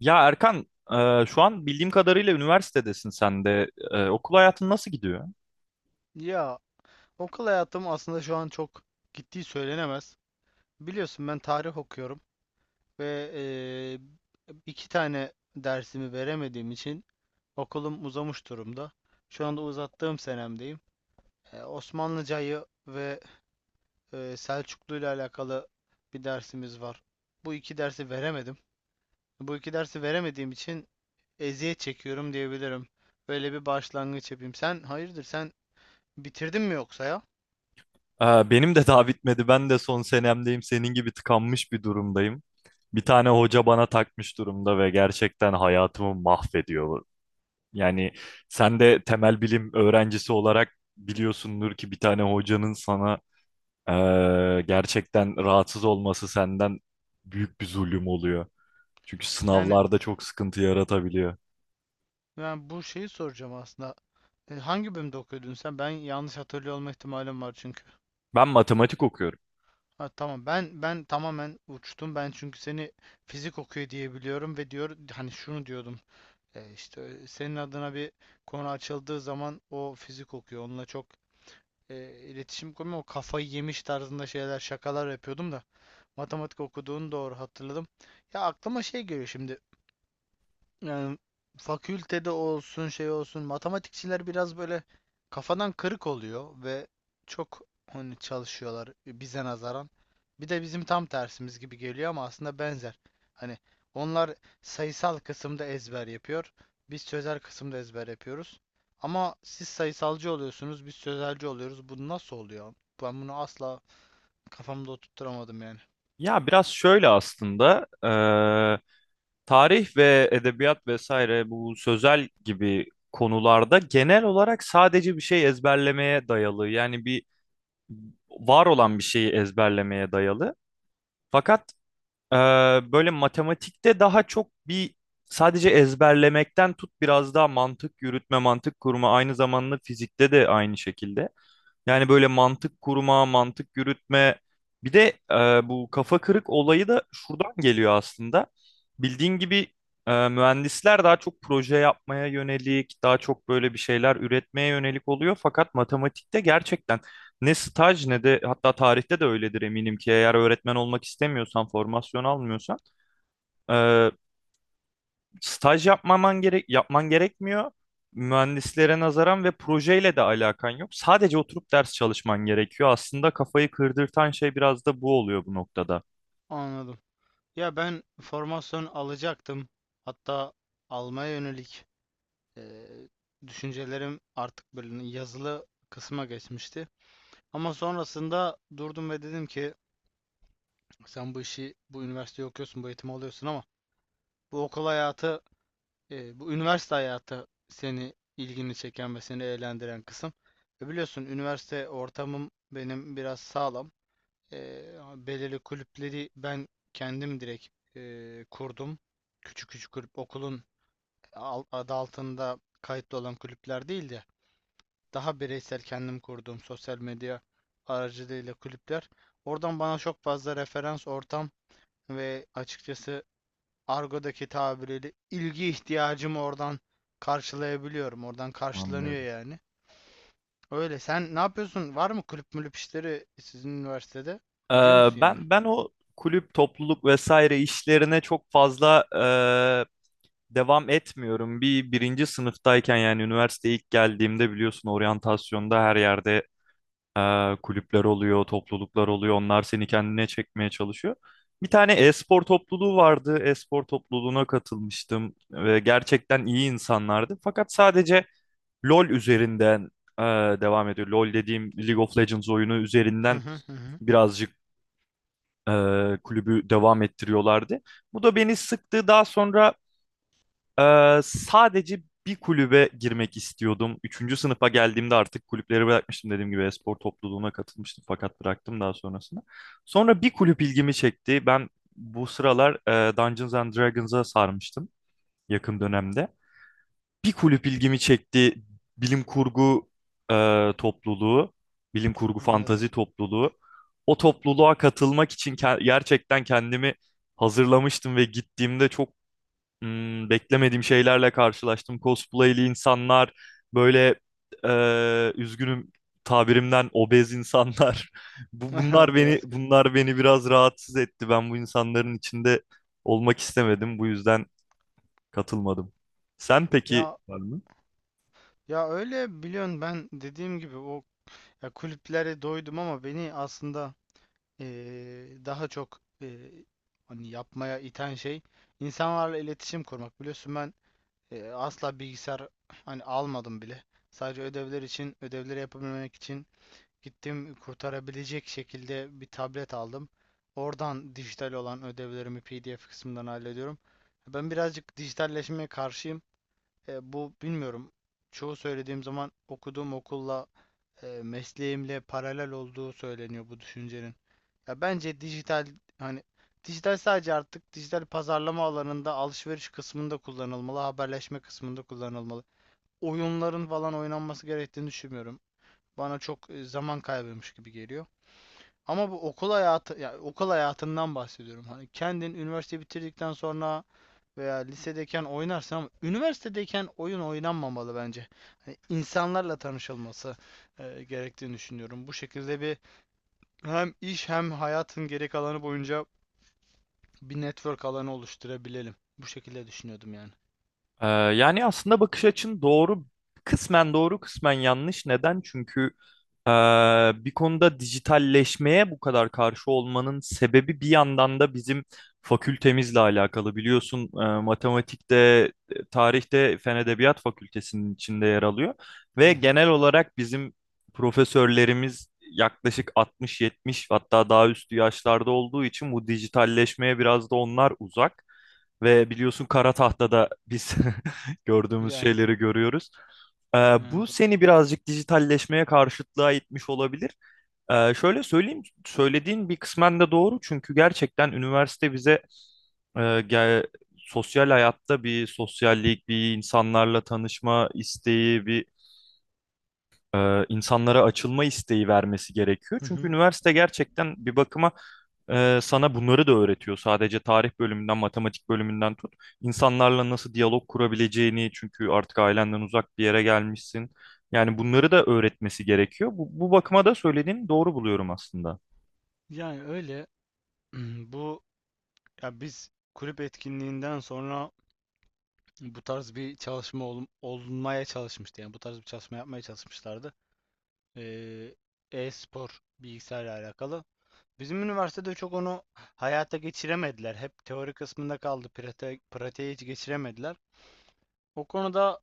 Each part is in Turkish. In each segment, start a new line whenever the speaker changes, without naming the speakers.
Ya Erkan, şu an bildiğim kadarıyla üniversitedesin sen de. Okul hayatın nasıl gidiyor?
Ya okul hayatım aslında şu an çok gittiği söylenemez. Biliyorsun ben tarih okuyorum ve iki tane dersimi veremediğim için okulum uzamış durumda. Şu anda uzattığım senemdeyim. Osmanlıcayı ve Selçuklu ile alakalı bir dersimiz var. Bu iki dersi veremedim. Bu iki dersi veremediğim için eziyet çekiyorum diyebilirim. Böyle bir başlangıç yapayım. Sen hayırdır, sen bitirdin mi yoksa ya?
Benim de daha bitmedi. Ben de son senemdeyim. Senin gibi tıkanmış bir durumdayım. Bir tane hoca bana takmış durumda ve gerçekten hayatımı mahvediyor. Yani sen de temel bilim öğrencisi olarak biliyorsundur ki bir tane hocanın sana gerçekten rahatsız olması senden büyük bir zulüm oluyor. Çünkü
Yani
sınavlarda çok sıkıntı yaratabiliyor.
ben bu şeyi soracağım aslında. E, hangi bölümde okuyordun sen? Ben yanlış hatırlıyor olma ihtimalim var çünkü.
Ben matematik okuyorum.
Ha, tamam, ben tamamen uçtum. Ben çünkü seni fizik okuyor diye biliyorum ve diyor hani şunu diyordum. E, işte senin adına bir konu açıldığı zaman o fizik okuyor. Onunla çok e, iletişim kurmuyor. O kafayı yemiş tarzında şeyler, şakalar yapıyordum da matematik okuduğunu doğru hatırladım. Ya aklıma şey geliyor şimdi. Yani fakültede olsun, şey olsun, matematikçiler biraz böyle kafadan kırık oluyor ve çok hani çalışıyorlar bize nazaran. Bir de bizim tam tersimiz gibi geliyor ama aslında benzer. Hani onlar sayısal kısımda ezber yapıyor. Biz sözel kısımda ezber yapıyoruz. Ama siz sayısalcı oluyorsunuz, biz sözelci oluyoruz. Bu nasıl oluyor? Ben bunu asla kafamda oturtturamadım yani.
Ya biraz şöyle aslında tarih ve edebiyat vesaire bu sözel gibi konularda genel olarak sadece bir şey ezberlemeye dayalı, yani bir var olan bir şeyi ezberlemeye dayalı. Fakat eee, böyle matematikte daha çok bir sadece ezberlemekten tut biraz daha mantık yürütme, mantık kurma, aynı zamanda fizikte de aynı şekilde. Yani böyle mantık kurma, mantık yürütme. Bir de bu kafa kırık olayı da şuradan geliyor aslında. Bildiğin gibi mühendisler daha çok proje yapmaya yönelik, daha çok böyle bir şeyler üretmeye yönelik oluyor. Fakat matematikte gerçekten ne staj ne de, hatta tarihte de öyledir eminim ki, eğer öğretmen olmak istemiyorsan, formasyon almıyorsan e, Staj yapmaman gerek yapman gerekmiyor. Mühendislere nazaran ve projeyle de alakan yok. Sadece oturup ders çalışman gerekiyor. Aslında kafayı kırdırtan şey biraz da bu oluyor bu noktada.
Anladım. Ya ben formasyon alacaktım. Hatta almaya yönelik Eee, düşüncelerim artık böyle yazılı kısma geçmişti. Ama sonrasında durdum ve dedim ki sen bu işi, bu üniversiteyi okuyorsun, bu eğitimi alıyorsun ama bu okul hayatı, bu üniversite hayatı seni ilgini çeken ve seni eğlendiren kısım. E biliyorsun üniversite ortamım benim biraz sağlam. Belirli kulüpleri ben kendim direkt kurdum. Küçük küçük kulüp, okulun adı altında kayıtlı olan kulüpler değil de daha bireysel kendim kurduğum sosyal medya aracılığıyla kulüpler. Oradan bana çok fazla referans ortam ve açıkçası argodaki tabiriyle ilgi ihtiyacımı oradan karşılayabiliyorum. Oradan karşılanıyor
Anlıyorum.
yani. Öyle. Sen ne yapıyorsun? Var mı kulüp mülüp işleri sizin üniversitede? Gidiyor
Ee,
musun yani?
ben o kulüp, topluluk vesaire işlerine çok fazla devam etmiyorum. Birinci sınıftayken, yani üniversiteye ilk geldiğimde, biliyorsun oryantasyonda her yerde kulüpler oluyor, topluluklar oluyor. Onlar seni kendine çekmeye çalışıyor. Bir tane e-spor topluluğu vardı. E-spor topluluğuna katılmıştım ve gerçekten iyi insanlardı. Fakat sadece LoL üzerinden e, devam ediyor. LoL dediğim League of Legends oyunu
Hı
üzerinden
hı hı hı.
birazcık e, kulübü devam ettiriyorlardı. Bu da beni sıktı. Daha sonra sadece bir kulübe girmek istiyordum. Üçüncü sınıfa geldiğimde artık kulüpleri bırakmıştım. Dediğim gibi spor topluluğuna katılmıştım fakat bıraktım daha sonrasında. Sonra bir kulüp ilgimi çekti. Ben bu sıralar Dungeons and Dragons'a sarmıştım yakın dönemde. Bir kulüp ilgimi çekti. Bilim kurgu topluluğu, bilim kurgu
Anladım.
fantazi topluluğu. O topluluğa katılmak için gerçekten kendimi hazırlamıştım ve gittiğimde çok beklemediğim şeylerle karşılaştım. Cosplay'li insanlar, böyle üzgünüm tabirimden, obez insanlar. Bu,
O
bunlar beni
beyaz göz.
bunlar beni biraz rahatsız etti. Ben bu insanların içinde olmak istemedim. Bu yüzden katılmadım. Sen peki
Ya ya öyle, biliyorsun ben dediğim gibi o ya kulüplere doydum ama beni aslında daha çok hani yapmaya iten şey insanlarla iletişim kurmak. Biliyorsun ben asla bilgisayar hani almadım bile. Sadece ödevler için, ödevleri yapabilmek için gittim kurtarabilecek şekilde bir tablet aldım. Oradan dijital olan ödevlerimi PDF kısmından hallediyorum. Ben birazcık dijitalleşmeye karşıyım. Bu bilmiyorum. Çoğu söylediğim zaman okuduğum okulla mesleğimle paralel olduğu söyleniyor bu düşüncenin. Ya bence dijital hani dijital sadece artık dijital pazarlama alanında, alışveriş kısmında kullanılmalı, haberleşme kısmında kullanılmalı. Oyunların falan oynanması gerektiğini düşünmüyorum. Bana çok zaman kaybıymış gibi geliyor. Ama bu okul hayatı, ya okul hayatından bahsediyorum. Hani kendin üniversite bitirdikten sonra veya lisedeyken oynarsın ama üniversitedeyken oyun oynanmamalı bence. Hani insanlarla tanışılması gerektiğini düşünüyorum. Bu şekilde bir hem iş hem hayatın geri kalanı boyunca bir network alanı oluşturabilelim. Bu şekilde düşünüyordum yani.
Yani aslında bakış açın doğru, kısmen doğru, kısmen yanlış. Neden? Çünkü ee, bir konuda dijitalleşmeye bu kadar karşı olmanın sebebi bir yandan da bizim fakültemizle alakalı. Biliyorsun matematikte, tarihte Fen Edebiyat Fakültesinin içinde yer alıyor.
Hı
Ve
hı.
genel olarak bizim profesörlerimiz yaklaşık 60-70, hatta daha üstü yaşlarda olduğu için bu dijitalleşmeye biraz da onlar uzak. Ve biliyorsun kara tahtada biz gördüğümüz
Yani,
şeyleri görüyoruz. Ee,
yani
bu
doğru.
seni birazcık dijitalleşmeye karşıtlığa itmiş olabilir. Şöyle söyleyeyim, söylediğin bir kısmen de doğru, çünkü gerçekten üniversite bize e, ge- sosyal hayatta bir sosyallik, bir insanlarla tanışma isteği, bir insanlara açılma isteği vermesi gerekiyor.
Hı
Çünkü
hı.
üniversite gerçekten bir bakıma sana bunları da öğretiyor. Sadece tarih bölümünden, matematik bölümünden tut. İnsanlarla nasıl diyalog kurabileceğini, çünkü artık ailenden uzak bir yere gelmişsin. Yani bunları da öğretmesi gerekiyor. Bu bakıma da söylediğini doğru buluyorum aslında.
Yani öyle bu ya biz kulüp etkinliğinden sonra bu tarz bir çalışma olmaya çalışmıştı. Yani bu tarz bir çalışma yapmaya çalışmışlardı. Ee, E-spor bilgisayarla alakalı. Bizim üniversitede çok onu hayata geçiremediler. Hep teori kısmında kaldı. Pratiğe hiç geçiremediler. O konuda,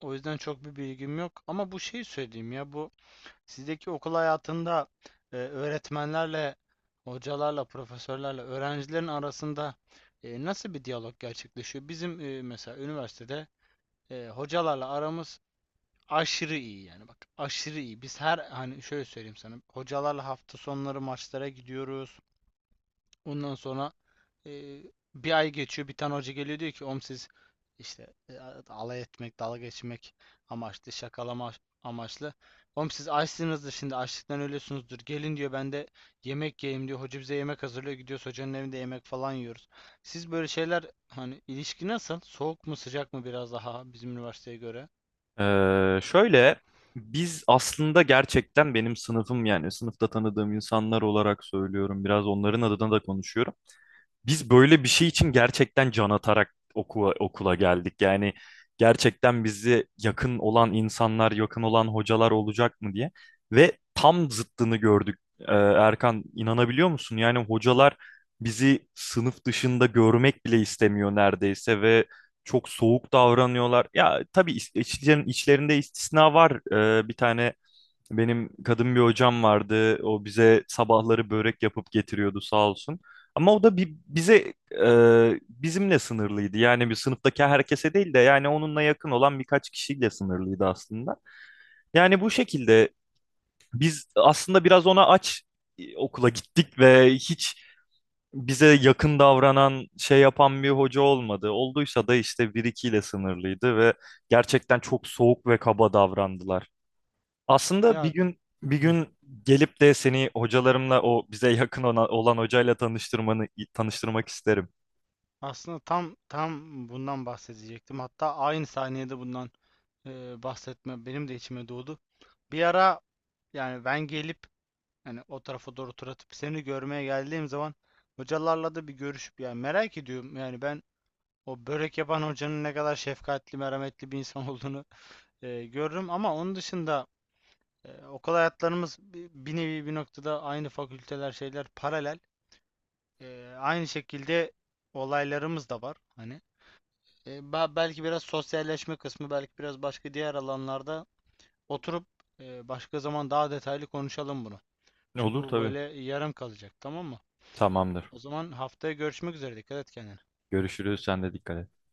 o yüzden çok bir bilgim yok. Ama bu şeyi söyleyeyim ya bu sizdeki okul hayatında öğretmenlerle, hocalarla, profesörlerle, öğrencilerin arasında nasıl bir diyalog gerçekleşiyor? Bizim mesela üniversitede hocalarla aramız aşırı iyi, yani bak aşırı iyi. Biz her hani şöyle söyleyeyim sana, hocalarla hafta sonları maçlara gidiyoruz. Ondan sonra e, bir ay geçiyor. Bir tane hoca geliyor diyor ki om siz işte alay etmek, dalga geçmek amaçlı, şakalama amaçlı. Oğlum siz açsınızdır şimdi, açlıktan ölüyorsunuzdur. Gelin diyor, ben de yemek yiyeyim diyor. Hoca bize yemek hazırlıyor. Gidiyoruz hocanın evinde yemek falan yiyoruz. Siz böyle şeyler, hani ilişki nasıl? Soğuk mu sıcak mı biraz daha bizim üniversiteye göre?
Şöyle, biz aslında gerçekten, benim sınıfım yani sınıfta tanıdığım insanlar olarak söylüyorum, biraz onların adına da konuşuyorum. Biz böyle bir şey için gerçekten can atarak okula geldik. Yani gerçekten bizi yakın olan insanlar, yakın olan hocalar olacak mı diye. Ve tam zıttını gördük. Erkan, inanabiliyor musun? Yani hocalar bizi sınıf dışında görmek bile istemiyor neredeyse ve çok soğuk davranıyorlar. Ya tabii içlerinde istisna var. Bir tane benim kadın bir hocam vardı. O bize sabahları börek yapıp getiriyordu sağ olsun. Ama o da bize bizimle sınırlıydı. Yani bir sınıftaki herkese değil de yani onunla yakın olan birkaç kişiyle sınırlıydı aslında. Yani bu şekilde biz aslında biraz ona aç okula gittik ve hiç bize yakın davranan, şey yapan bir hoca olmadı. Olduysa da işte bir ikiyle sınırlıydı ve gerçekten çok soğuk ve kaba davrandılar. Aslında bir
Ya
gün bir
hı,
gün gelip de seni hocalarımla, o bize yakın olan hocayla tanıştırmak isterim.
aslında tam bundan bahsedecektim. Hatta aynı saniyede bundan bahsetme benim de içime doğdu. Bir ara yani ben gelip hani o tarafa doğru tur atıp seni görmeye geldiğim zaman hocalarla da bir görüşüp yani merak ediyorum. Yani ben o börek yapan hocanın ne kadar şefkatli, merhametli bir insan olduğunu görürüm ama onun dışında okul hayatlarımız bir nevi bir noktada aynı, fakülteler şeyler paralel. E, aynı şekilde olaylarımız da var hani. E, belki biraz sosyalleşme kısmı, belki biraz başka diğer alanlarda oturup başka zaman daha detaylı konuşalım bunu. Çünkü
Olur
bu
tabii.
böyle yarım kalacak, tamam mı?
Tamamdır.
O zaman haftaya görüşmek üzere. Dikkat et kendine.
Görüşürüz. Sen de dikkat et.